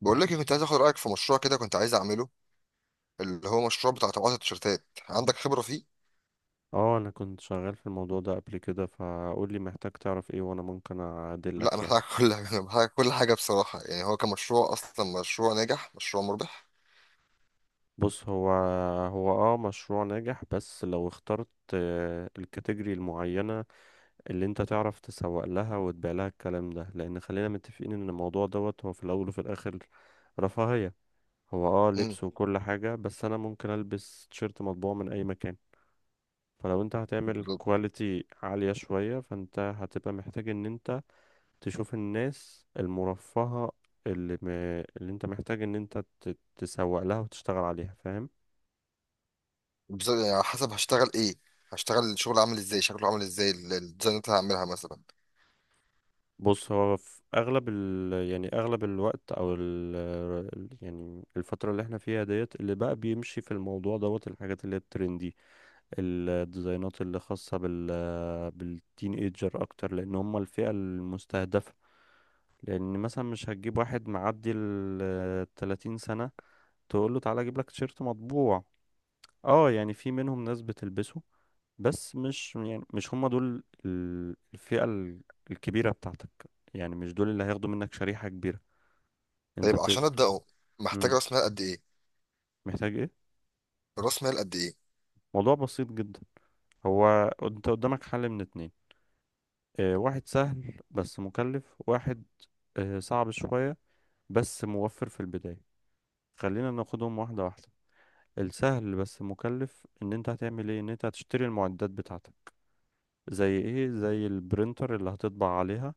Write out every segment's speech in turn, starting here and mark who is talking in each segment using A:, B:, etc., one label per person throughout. A: بقول لك إيه، كنت عايز اخد رايك في مشروع كده، كنت عايز اعمله، اللي هو مشروع بتاع طباعه التيشيرتات. عندك خبره فيه؟
B: اه انا كنت شغال في الموضوع ده قبل كده، فقول لي محتاج تعرف ايه وانا ممكن
A: لا،
B: اعدلك يعني.
A: محتاج كل حاجه، محتاج كل حاجه بصراحه. يعني هو كمشروع اصلا مشروع ناجح، مشروع مربح.
B: بص، هو هو اه مشروع ناجح بس لو اخترت الكاتيجوري المعينة اللي انت تعرف تسوق لها وتبيع لها الكلام ده، لان خلينا متفقين ان الموضوع دوت هو في الاول وفي الاخر رفاهية. هو اه
A: امم
B: لبس وكل حاجة، بس انا ممكن البس تيشيرت مطبوع من اي مكان. فلو انت هتعمل
A: بالظبط.
B: كواليتي عالية شوية، فانت هتبقى محتاج ان انت تشوف الناس المرفهة اللي, م... اللي انت محتاج ان انت تسوق لها وتشتغل عليها، فاهم.
A: بالظبط، يعني على حسب هشتغل ايه، هشتغل الشغل عامل ازاي، شكله عامل ازاي، الديزاينات اللي هعملها مثلا.
B: بص، هو في اغلب يعني اغلب الوقت او يعني الفترة اللي احنا فيها ديت اللي بقى بيمشي في الموضوع دوت الحاجات اللي هي الترندي. الديزاينات اللي خاصة بالتين ايجر اكتر، لان هم الفئة المستهدفة. لان مثلا مش هتجيب واحد معدي ال 30 سنة تقول له تعالى اجيب لك تيشيرت مطبوع. اه يعني في منهم ناس بتلبسه، بس مش يعني مش هم دول الفئة الكبيرة بتاعتك. يعني مش دول اللي هياخدوا منك شريحة كبيرة. انت
A: طيب عشان
B: بت...
A: ابداه، محتاج
B: مم.
A: راس مال قد ايه؟
B: محتاج ايه؟
A: راس مال قد ايه؟
B: موضوع بسيط جدا. هو انت قدامك حل من اتنين. اه واحد سهل بس مكلف، واحد اه صعب شوية بس موفر في البداية. خلينا ناخدهم واحدة واحدة. السهل بس مكلف ان انت هتعمل ايه؟ ان انت هتشتري المعدات بتاعتك، زي ايه؟ زي البرينتر اللي هتطبع عليها،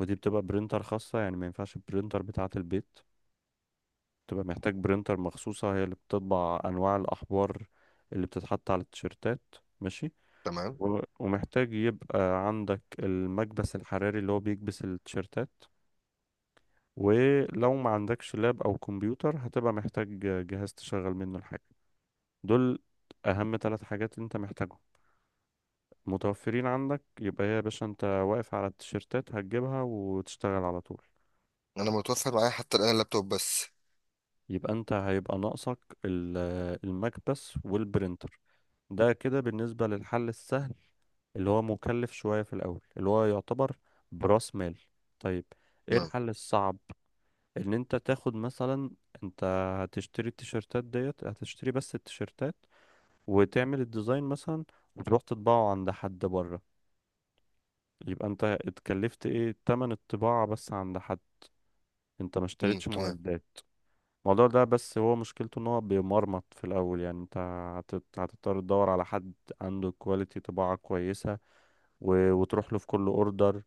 B: ودي بتبقى برينتر خاصة، يعني ما ينفعش البرينتر بتاعة البيت. بتبقى محتاج برينتر مخصوصة، هي اللي بتطبع أنواع الأحبار اللي بتتحط على التيشيرتات، ماشي.
A: تمام.
B: ومحتاج يبقى عندك المكبس الحراري اللي هو بيكبس التيشيرتات. ولو ما عندكش لاب أو كمبيوتر، هتبقى محتاج جهاز تشغل منه الحاجة. دول أهم ثلاث حاجات أنت محتاجهم. متوفرين عندك، يبقى هي يا باشا أنت واقف على التيشيرتات، هتجيبها وتشتغل على طول.
A: انا متوفر معايا حتى الان اللابتوب بس.
B: يبقى انت هيبقى ناقصك ال- المكبس والبرينتر. ده كده بالنسبة للحل السهل اللي هو مكلف شوية في الأول، اللي هو يعتبر برأس مال. طيب ايه
A: تمام.
B: الحل الصعب؟ ان انت تاخد مثلا، انت هتشتري التيشيرتات ديت، هتشتري بس التيشيرتات وتعمل الديزاين مثلا، وتروح تطبعه عند حد بره. يبقى انت اتكلفت ايه؟ تمن الطباعة بس عند حد، انت ما اشتريتش
A: تمام.
B: معدات. الموضوع ده بس هو مشكلته ان هو بيمرمط في الاول. يعني انت هتضطر تدور على حد عنده كواليتي طباعة كويسة، وتروح له في كل اوردر،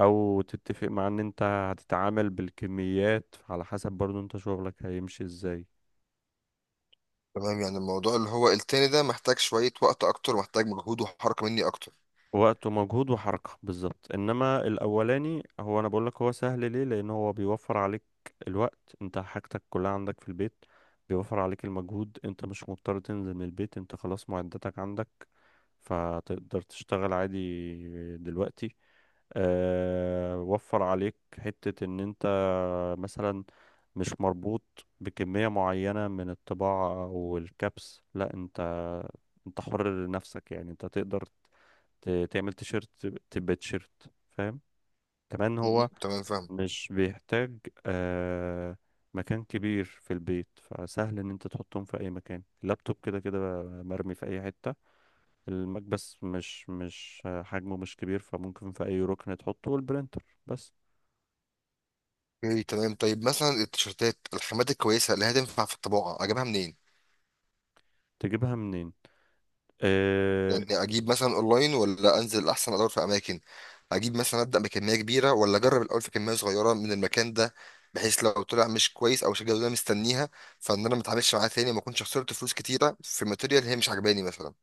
B: او تتفق مع ان انت هتتعامل بالكميات على حسب برضو انت شغلك هيمشي ازاي.
A: تمام، يعني الموضوع اللي هو التاني ده محتاج شويه وقت اكتر، محتاج مجهود وحركه مني اكتر.
B: وقت ومجهود وحركة بالظبط. انما الاولاني هو، انا بقولك هو سهل ليه، لان هو بيوفر عليك الوقت، انت حاجتك كلها عندك في البيت. بيوفر عليك المجهود، انت مش مضطر تنزل من البيت، انت خلاص معداتك عندك فتقدر تشتغل عادي دلوقتي. وفر عليك حتة ان انت مثلا مش مربوط بكمية معينة من الطباعة او الكبس، لا انت انت حر لنفسك، يعني انت تقدر تعمل تيشيرت تبقى تيشيرت، فاهم. كمان
A: م-
B: هو
A: م. تمام، فاهم.
B: مش بيحتاج آه مكان كبير في البيت، فسهل ان انت تحطهم في اي مكان. اللابتوب كده كده مرمي في اي حتة، المكبس مش حجمه مش كبير فممكن في اي ركن تحطه، والبرينتر بس
A: اوكي، تمام. طيب مثلا التيشيرتات، الخامات الكويسه اللي هتنفع في الطباعه اجيبها منين؟
B: تجيبها منين. آه
A: يعني اجيب مثلا اونلاين، ولا انزل احسن ادور في اماكن؟ اجيب مثلا ابدا بكميه كبيره، ولا اجرب الاول في كميه صغيره من المكان ده، بحيث لو طلع مش كويس او مش الجوده اللي أنا مستنيها، فان انا ما اتعاملش معاه تاني، ما اكونش خسرت فلوس كتيره في ماتيريال هي مش عجباني مثلا.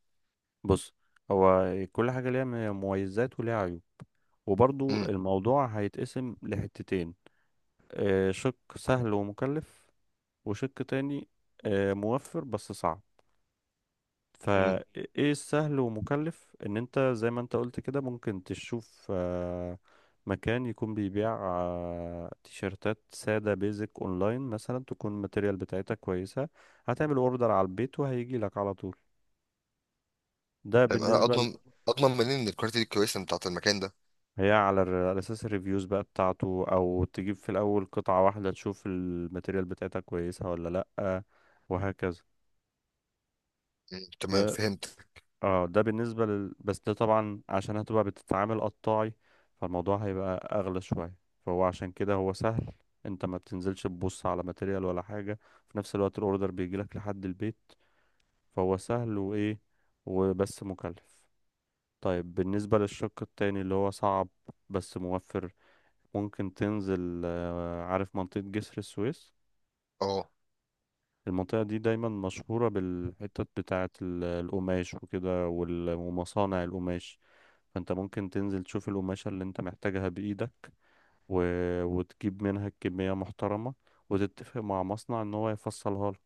B: بص، هو كل حاجة ليها مميزات وليها عيوب. وبرضو
A: امم
B: الموضوع هيتقسم لحتتين، شق سهل ومكلف، وشق تاني موفر بس صعب.
A: امم
B: فايه السهل ومكلف؟ ان انت زي ما انت قلت كده، ممكن تشوف مكان يكون بيبيع تيشيرتات سادة بيزك اونلاين مثلا تكون الماتيريال بتاعتها كويسة، هتعمل اوردر على البيت وهيجي لك على طول. ده
A: طيب انا
B: بالنسبة
A: اضمن منين ان الكواليتي دي كويسه بتاعت المكان ده؟
B: هي على على اساس الريفيوز بقى بتاعته، او تجيب في الاول قطعة واحدة تشوف الماتيريال بتاعتها كويسة ولا لأ، وهكذا.
A: مم. تمام،
B: ده
A: فهمت.
B: اه ده بالنسبة بس ده طبعا عشان هتبقى بتتعامل قطاعي، فالموضوع هيبقى أغلى شوية. فهو عشان كده هو سهل، انت ما بتنزلش تبص على ماتيريال ولا حاجة، في نفس الوقت الاوردر بيجيلك لحد البيت. فهو سهل وايه؟ وبس مكلف. طيب بالنسبة للشق التاني اللي هو صعب بس موفر، ممكن تنزل، عارف منطقة جسر السويس؟
A: اه.
B: المنطقة دي دايما مشهورة بالحتت بتاعة القماش وكده ومصانع القماش. فانت ممكن تنزل تشوف القماشة اللي انت محتاجها بإيدك، و... وتجيب منها كمية محترمة، وتتفق مع مصنع ان هو يفصلها لك،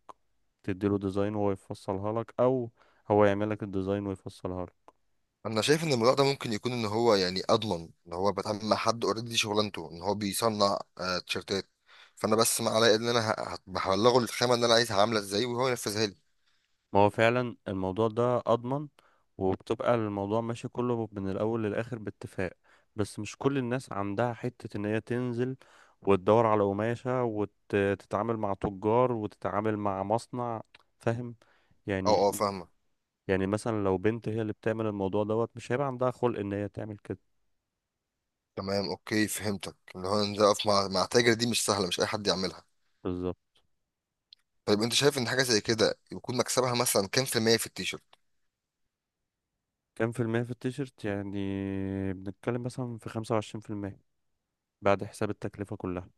B: تديله ديزاين وهو يفصلها لك، او هو يعمل لك الديزاين ويفصلها لك.
A: انا شايف ان الموضوع ده ممكن يكون ان هو يعني اضمن، ان هو بتعامل مع حد اوريدي شغلانته ان هو بيصنع تيشيرتات. فانا بس ما عليا ان انا هبلغه الخامه اللي انا عايزها عامله ازاي، وهو ينفذها لي.
B: ما هو فعلا الموضوع ده اضمن، وبتبقى الموضوع ماشي كله من الاول للاخر باتفاق. بس مش كل الناس عندها حتة ان هي تنزل وتدور على قماشة وتتعامل مع تجار وتتعامل مع مصنع، فاهم
A: اه، اه،
B: يعني.
A: فاهمه.
B: يعني مثلا لو بنت هي اللي بتعمل الموضوع دوت، مش هيبقى عندها خلق ان هي تعمل كده.
A: تمام، اوكي، فهمتك. ان هو ان ده اقف مع تاجر دي مش سهله، مش اي حد يعملها.
B: بالظبط.
A: طيب انت شايف ان حاجه زي كده يكون مكسبها مثلا كام في المية في التيشيرت؟
B: كام في المية في التيشيرت يعني؟ بنتكلم مثلا في 25% بعد حساب التكلفة كلها.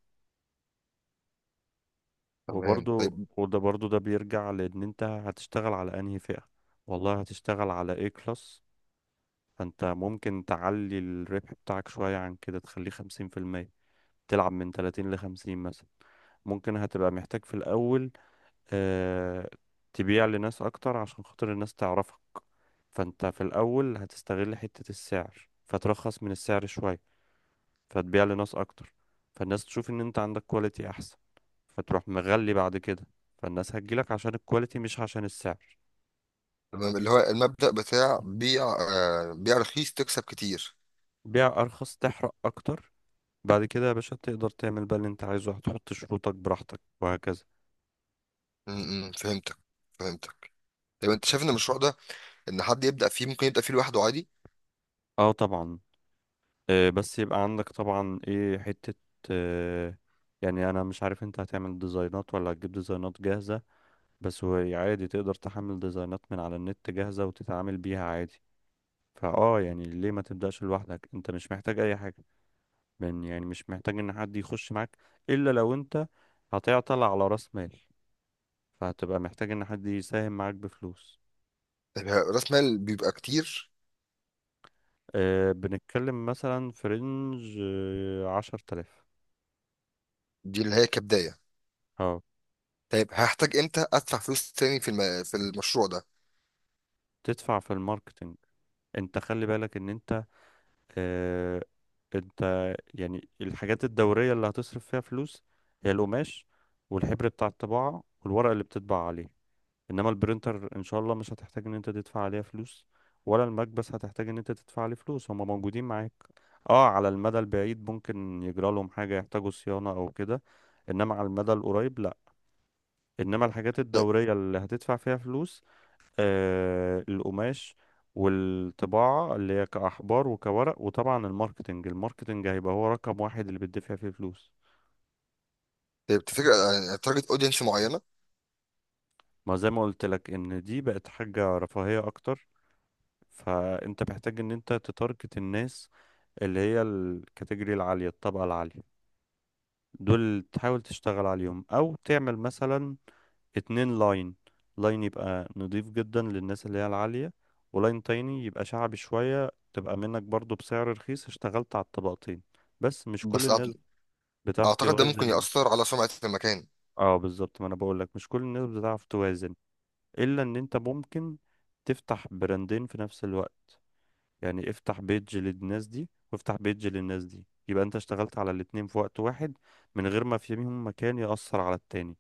A: تمام،
B: وبرضو
A: طيب.
B: وده برضو ده بيرجع لان انت هتشتغل على انهي فئة، والله هتشتغل على ايه كلاس. فانت ممكن تعلي الربح بتاعك شوية عن كده تخليه 50%، تلعب من 30 لـ50 مثلا. ممكن هتبقى محتاج في الأول آه، تبيع لناس اكتر عشان خاطر الناس تعرفك. فانت في الاول هتستغل حتة السعر فترخص من السعر شوية، فتبيع لناس اكتر، فالناس تشوف ان انت عندك كواليتي احسن، فتروح مغلي بعد كده، فالناس هتجيلك عشان الكواليتي مش عشان السعر.
A: تمام، اللي هو المبدأ بتاع بيع، بيع رخيص تكسب كتير.
B: بيع ارخص تحرق اكتر. بعد كده يا باشا تقدر تعمل بقى اللي انت عايزه، هتحط شروطك براحتك وهكذا.
A: م- م، فهمتك. فهمتك. طيب انت شايف ان المشروع ده، ان حد يبدأ فيه، ممكن يبدأ فيه لوحده عادي؟
B: اه طبعا، بس يبقى عندك طبعا ايه حتة، آه، يعني انا مش عارف انت هتعمل ديزاينات ولا هتجيب ديزاينات جاهزة. بس هو عادي تقدر تحمل ديزاينات من على النت جاهزة وتتعامل بيها عادي. فاه يعني ليه ما تبدأش لوحدك، انت مش محتاج اي حاجة من، يعني مش محتاج ان حد يخش معاك، الا لو انت هتعطل على راس مال فهتبقى محتاج ان حد يساهم معاك بفلوس.
A: طيب راس مال بيبقى كتير؟
B: أه بنتكلم مثلا في رينج 10 آلاف.
A: دي اللي هي كبداية؟
B: اه
A: طيب هحتاج امتى ادفع فلوس تاني في في المشروع ده؟
B: تدفع في الماركتنج. انت خلي بالك ان اه انت يعني الحاجات الدورية اللي هتصرف فيها فلوس هي القماش والحبر بتاع الطباعة والورق اللي بتطبع عليه. انما البرينتر ان شاء الله مش هتحتاج ان انت تدفع عليها فلوس، ولا المكبس هتحتاج ان انت تدفع عليه فلوس، هما موجودين معاك. اه على المدى البعيد ممكن يجرى لهم حاجة يحتاجوا صيانة او كده، انما على المدى القريب لا. انما الحاجات
A: طيب.
B: الدورية اللي هتدفع فيها فلوس القماش والطباعة اللي هي كأحبار وكورق، وطبعا الماركتنج. الماركتنج هيبقى هو رقم واحد اللي بتدفع فيه فلوس.
A: طيب تفتكر يعني تارجت اودينس معينة؟
B: ما زي ما قلت لك ان دي بقت حاجة رفاهية اكتر، فانت محتاج ان انت تتارجت الناس اللي هي الكاتيجوري العالية، الطبقة العالية، دول تحاول تشتغل عليهم. او تعمل مثلا اتنين لاين، لاين يبقى نضيف جدا للناس اللي هي العالية، ولاين تاني يبقى شعبي شوية تبقى منك برضو بسعر رخيص، اشتغلت على الطبقتين، بس مش كل
A: بس أعت-
B: الناس بتعرف
A: اعتقد ده ممكن
B: توازن.
A: يأثر على سمعة المكان.
B: اه بالظبط، ما انا بقولك مش كل الناس بتعرف توازن. الا ان انت ممكن تفتح براندين في نفس الوقت، يعني افتح بيج للناس دي وافتح بيج للناس دي، يبقى انت اشتغلت على الاتنين في وقت واحد من غير ما فيهم مكان يأثر على التاني،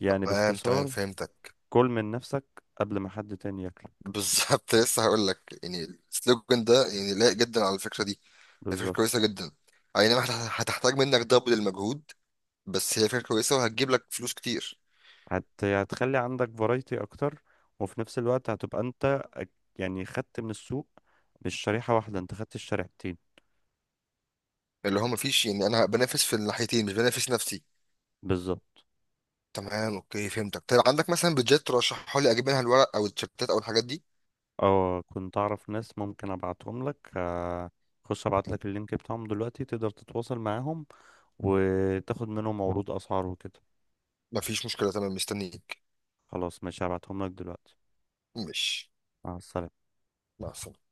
B: يعني
A: تمام، تمام،
B: باختصار
A: فهمتك.
B: كل من نفسك قبل ما حد تاني ياكلك.
A: بالظبط لسه هقول لك يعني السلوجن ده يعني لايق جدا على الفكرة دي. هي فكرة
B: بالظبط.
A: كويسة جدا. اي نعم، هتحتاج منك دبل المجهود، بس هي فكرة كويسة وهتجيب لك فلوس كتير.
B: هتخلي عندك فرايتي اكتر، وفي نفس الوقت هتبقى انت يعني خدت من السوق مش شريحة واحدة، انت خدت الشريحتين.
A: اللي هو مفيش، يعني انا بنافس في الناحيتين مش بنافس نفسي.
B: بالظبط.
A: تمام، اوكي، فهمتك. طيب عندك مثلا بيدجات ترشحها لي اجيب منها الورق او التيشيرتات او الحاجات دي؟
B: اه كنت اعرف ناس ممكن ابعتهم لك، خش ابعت لك اللينك بتاعهم دلوقتي، تقدر تتواصل معاهم وتاخد منهم عروض اسعار وكده.
A: مفيش مشكله، تمام، مستنيك.
B: خلاص ماشي، هبعتهم لك دلوقتي.
A: مش
B: مع السلامة.
A: مع السلامه.